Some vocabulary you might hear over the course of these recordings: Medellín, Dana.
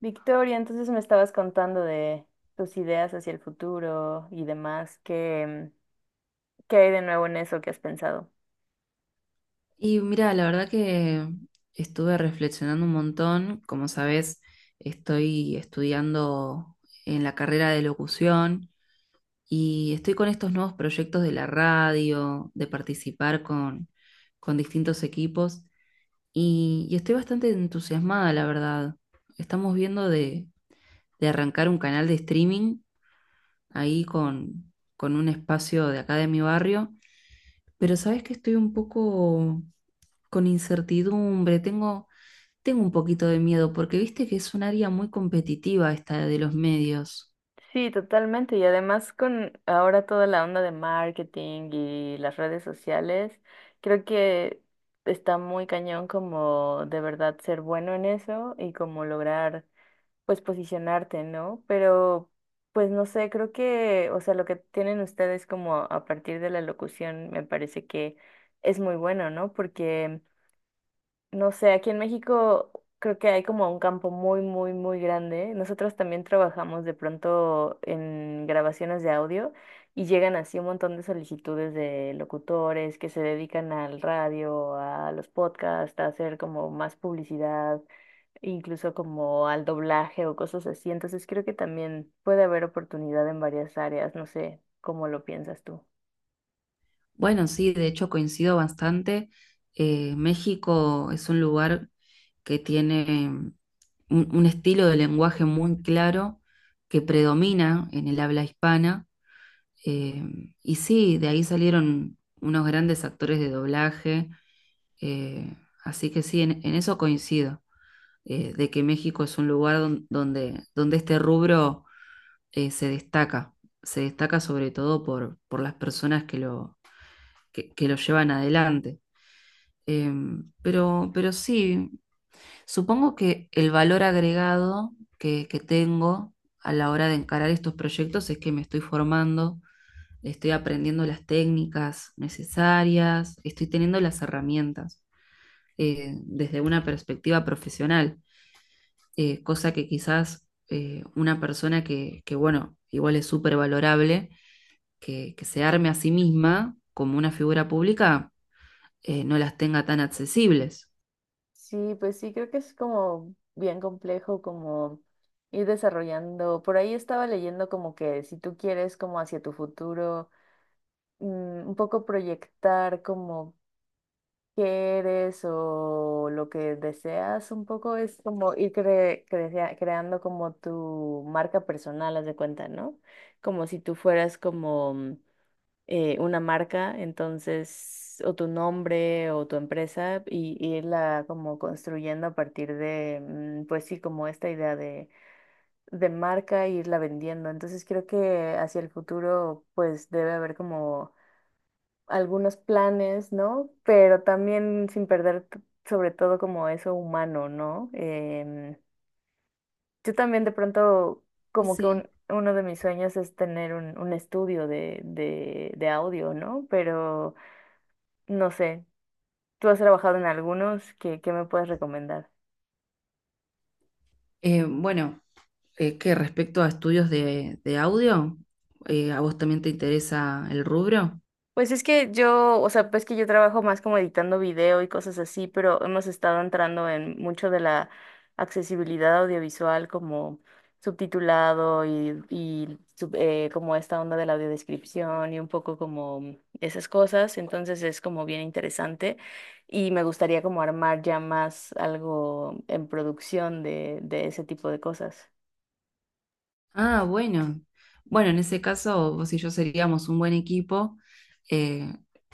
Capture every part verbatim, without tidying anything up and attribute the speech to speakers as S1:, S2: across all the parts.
S1: Victoria, entonces me estabas contando de tus ideas hacia el futuro y demás. ¿Qué, qué hay de nuevo en eso que has pensado?
S2: Y mira, la verdad que estuve reflexionando un montón. Como sabes, estoy estudiando en la carrera de locución y estoy con estos nuevos proyectos de la radio, de participar con, con distintos equipos y, y estoy bastante entusiasmada, la verdad. Estamos viendo de, de arrancar un canal de streaming ahí con, con un espacio de acá de mi barrio, pero sabes que estoy un poco con incertidumbre, tengo Tengo un poquito de miedo porque viste que es un área muy competitiva esta de los medios.
S1: Sí, totalmente. Y además con ahora toda la onda de marketing y las redes sociales, creo que está muy cañón como de verdad ser bueno en eso y como lograr pues posicionarte, ¿no? Pero pues no sé, creo que, o sea, lo que tienen ustedes como a partir de la locución me parece que es muy bueno, ¿no? Porque, no sé, aquí en México creo que hay como un campo muy, muy, muy grande. Nosotros también trabajamos de pronto en grabaciones de audio y llegan así un montón de solicitudes de locutores que se dedican al radio, a los podcasts, a hacer como más publicidad incluso como al doblaje o cosas así. Entonces creo que también puede haber oportunidad en varias áreas, no sé cómo lo piensas tú.
S2: Bueno, sí, de hecho coincido bastante. Eh, México es un lugar que tiene un, un estilo de lenguaje muy claro que predomina en el habla hispana. Eh, y sí, de ahí salieron unos grandes actores de doblaje. eh, Así que sí, en, en eso coincido, eh, de que México es un lugar don- donde, donde este rubro eh, se destaca, se destaca sobre todo por, por las personas que lo, que, que lo llevan adelante. Em, pero, pero sí, supongo que el valor agregado que, que tengo a la hora de encarar estos proyectos es que me estoy formando, estoy aprendiendo las técnicas necesarias, estoy teniendo las herramientas eh, desde una perspectiva profesional, eh, cosa que quizás eh, una persona que, que, bueno, igual es súper valorable que, que se arme a sí misma como una figura pública eh, no las tenga tan accesibles.
S1: Sí, pues sí, creo que es como bien complejo como ir desarrollando. Por ahí estaba leyendo como que si tú quieres como hacia tu futuro, mm, un poco proyectar como quieres o lo que deseas un poco es como ir cre- crea- creando como tu marca personal, haz de cuenta, ¿no? Como si tú fueras como mm, eh, una marca, entonces, o tu nombre o tu empresa y, y irla como construyendo a partir de, mm, pues sí, como esta idea de, de marca e irla vendiendo. Entonces creo que hacia el futuro pues debe haber como algunos planes, ¿no? Pero también sin perder t- sobre todo como eso humano, ¿no? Em, yo también de pronto
S2: Sí,
S1: como que
S2: sí.
S1: un- uno de mis sueños es tener un, un estudio de, de, de audio, ¿no? Pero no sé, ¿tú has trabajado en algunos? ¿Qué, qué me puedes recomendar?
S2: Eh, bueno, eh, que respecto a estudios de, de audio, Eh, ¿a vos también te interesa el rubro?
S1: Pues es que yo, o sea, pues que yo trabajo más como editando video y cosas así, pero hemos estado entrando en mucho de la accesibilidad audiovisual como subtitulado y, y sub- eh, como esta onda de la audiodescripción y un poco como esas cosas, entonces es como bien interesante y me gustaría como armar ya más algo en producción de, de ese tipo de cosas.
S2: Ah, bueno. Bueno, en ese caso, vos y yo seríamos un buen equipo. eh,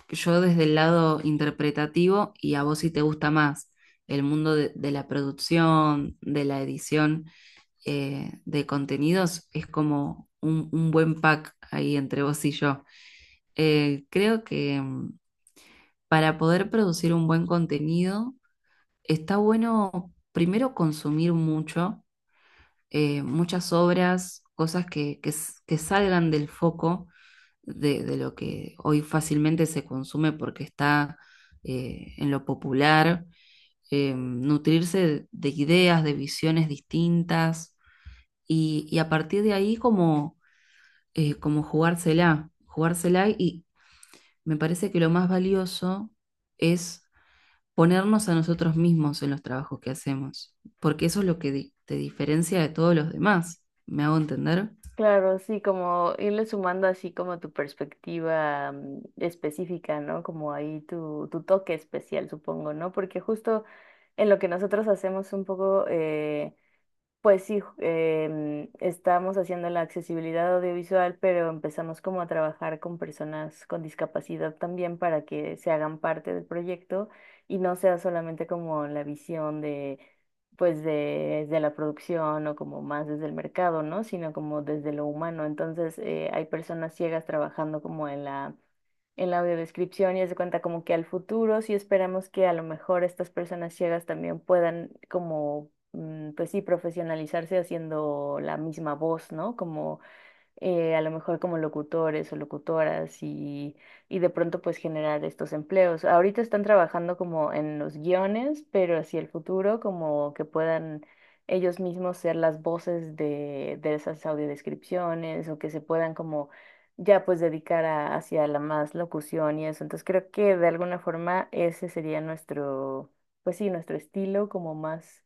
S2: yo desde el lado interpretativo y a vos, si te gusta más el mundo de, de la producción, de la edición eh, de contenidos, es como un, un buen pack ahí entre vos y yo. Eh, creo que mm, para poder producir un buen contenido está bueno primero consumir mucho, eh, muchas obras, cosas que, que s- que salgan del foco de, de lo que hoy fácilmente se consume porque está eh, en lo popular, eh, nutrirse de, de ideas, de visiones distintas y, y a partir de ahí como eh, como jugársela, jugársela, y me parece que lo más valioso es ponernos a nosotros mismos en los trabajos que hacemos, porque eso es lo que di- te diferencia de todos los demás. ¿Me hago entender?
S1: Claro, sí, como irle sumando así como tu perspectiva mm, específica, ¿no? Como ahí tu, tu toque especial, supongo, ¿no? Porque justo en lo que nosotros hacemos un poco, eh, pues sí, ju- em, estamos haciendo la accesibilidad audiovisual, pero empezamos como a trabajar con personas con discapacidad también para que se hagan parte del proyecto y no sea solamente como la visión de, pues de, de la producción o como más desde el mercado, ¿no? Sino como desde lo humano. Entonces, eh, hay personas ciegas trabajando como en la en la audiodescripción y haz de cuenta como que al futuro sí esperamos que a lo mejor estas personas ciegas también puedan como, mm, pues sí, profesionalizarse haciendo la misma voz, ¿no? Como eh, a lo mejor como locutores o locutoras y, y de pronto pues generar estos empleos. Ahorita están trabajando como en los guiones, pero hacia el futuro como que puedan ellos mismos ser las voces de, de esas audiodescripciones o que se puedan como ya pues dedicar a- hacia la más locución y eso. Entonces creo que de alguna forma ese sería nuestro, pues sí, nuestro estilo como más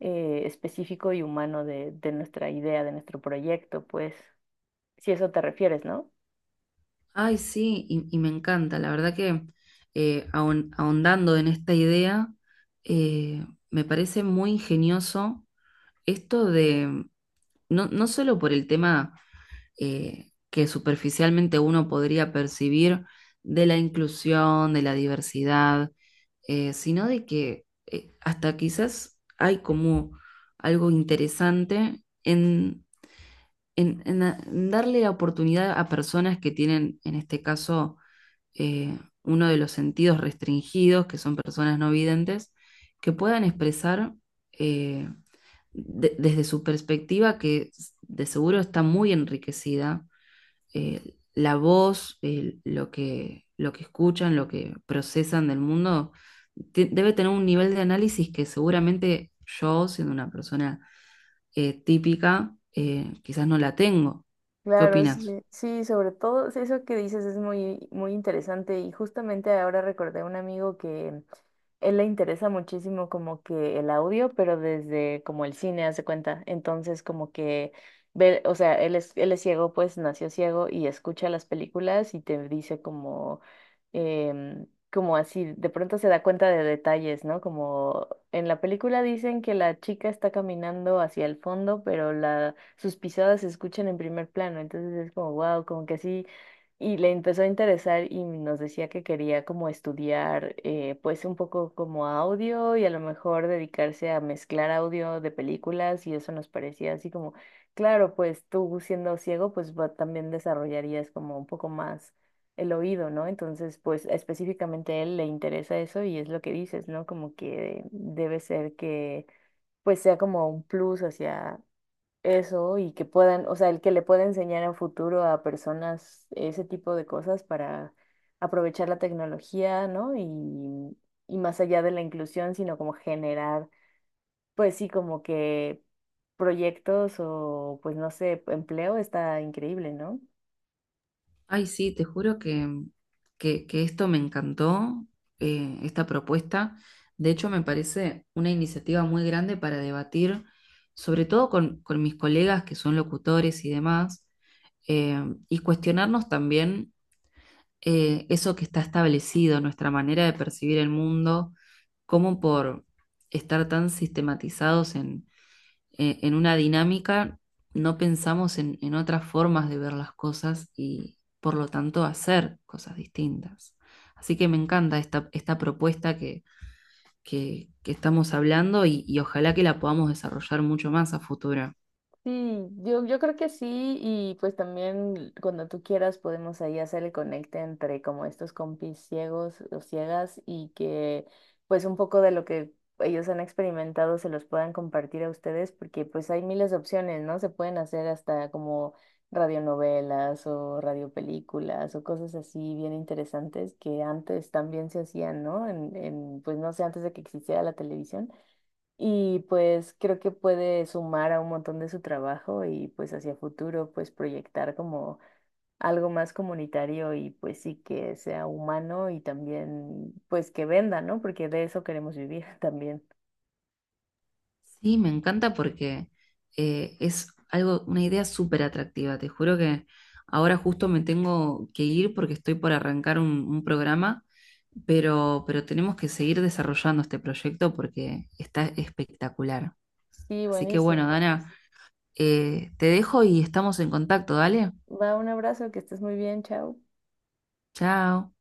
S1: eh, específico y humano de, de nuestra idea, de nuestro proyecto, pues si eso te refieres, ¿no?
S2: Ay, sí, y, y me encanta, la verdad que eh, ahon- ahondando en esta idea, eh, me parece muy ingenioso esto de, no, no solo por el tema eh, que superficialmente uno podría percibir de la inclusión, de la diversidad, eh, sino de que eh, hasta quizás hay como algo interesante en, en- en a- en darle la oportunidad a personas que tienen, en este caso, eh, uno de los sentidos restringidos, que son personas no videntes, que puedan expresar eh, de- desde su perspectiva, que de seguro está muy enriquecida, eh, la voz, el- lo que, lo que escuchan, lo que procesan del mundo. Te- debe tener un nivel de análisis que seguramente yo, siendo una persona eh, típica, eh, quizás no la tengo. ¿Qué
S1: Claro,
S2: opinas?
S1: sí, sí, sobre todo sí, eso que dices es muy, muy interesante y justamente ahora recordé a un amigo que él le interesa muchísimo como que el audio, pero desde como el cine, hace cuenta. Entonces como que ve, o sea, él es, él es ciego, pues nació ciego y escucha las películas y te dice como, em, como así, de pronto se da cuenta de detalles, ¿no? Como en la película dicen que la chica está caminando hacia el fondo, pero la, sus pisadas se escuchan en primer plano, entonces es como, wow, como que así y le empezó a interesar y nos decía que quería como estudiar, eh, pues un poco como audio y a lo mejor dedicarse a mezclar audio de películas y eso nos parecía así como, claro, pues tú siendo ciego, pues va- también desarrollarías como un poco más el oído, ¿no? Entonces, pues específicamente a él le interesa eso y es lo que dices, ¿no? Como que debe ser que pues sea como un plus hacia eso y que puedan, o sea, el que le pueda enseñar en futuro a personas ese tipo de cosas para aprovechar la tecnología, ¿no? Y, y más allá de la inclusión, sino como generar, pues sí, como que proyectos o pues no sé, empleo está increíble, ¿no?
S2: Ay, sí, te juro que, que, que esto me encantó, eh, esta propuesta. De hecho, me parece una iniciativa muy grande para debatir, sobre todo con, con mis colegas que son locutores y demás, eh, y cuestionarnos también eh, eso que está establecido, nuestra manera de percibir el mundo, como por estar tan sistematizados en, eh, en una dinámica, no pensamos en, en otras formas de ver las cosas y por lo tanto hacer cosas distintas. Así que me encanta esta, esta propuesta que, que- que estamos hablando y, y ojalá que la podamos desarrollar mucho más a futuro.
S1: Sí, yo, yo creo que sí, y pues también cuando tú quieras podemos ahí hacer el conecte entre como estos compis ciegos o ciegas y que pues un poco de lo que ellos han experimentado se los puedan compartir a ustedes porque pues hay miles de opciones, ¿no? Se pueden hacer hasta como radionovelas o radiopelículas o cosas así bien interesantes que antes también se hacían, ¿no? En, en pues no sé, antes de que existiera la televisión y pues creo que puede sumar a un montón de su trabajo y pues hacia futuro pues proyectar como algo más comunitario y pues sí que sea humano y también pues que venda, ¿no? Porque de eso queremos vivir también.
S2: Sí, me encanta porque eh, es algo, una idea súper atractiva. Te juro que ahora justo me tengo que ir porque estoy por arrancar un, un programa, pero, pero tenemos que seguir desarrollando este proyecto porque está espectacular.
S1: Sí,
S2: Así que
S1: buenísimo.
S2: bueno, Dana, eh, te dejo y estamos en contacto, dale.
S1: Va, un abrazo, que estés muy bien, chao.
S2: Chao.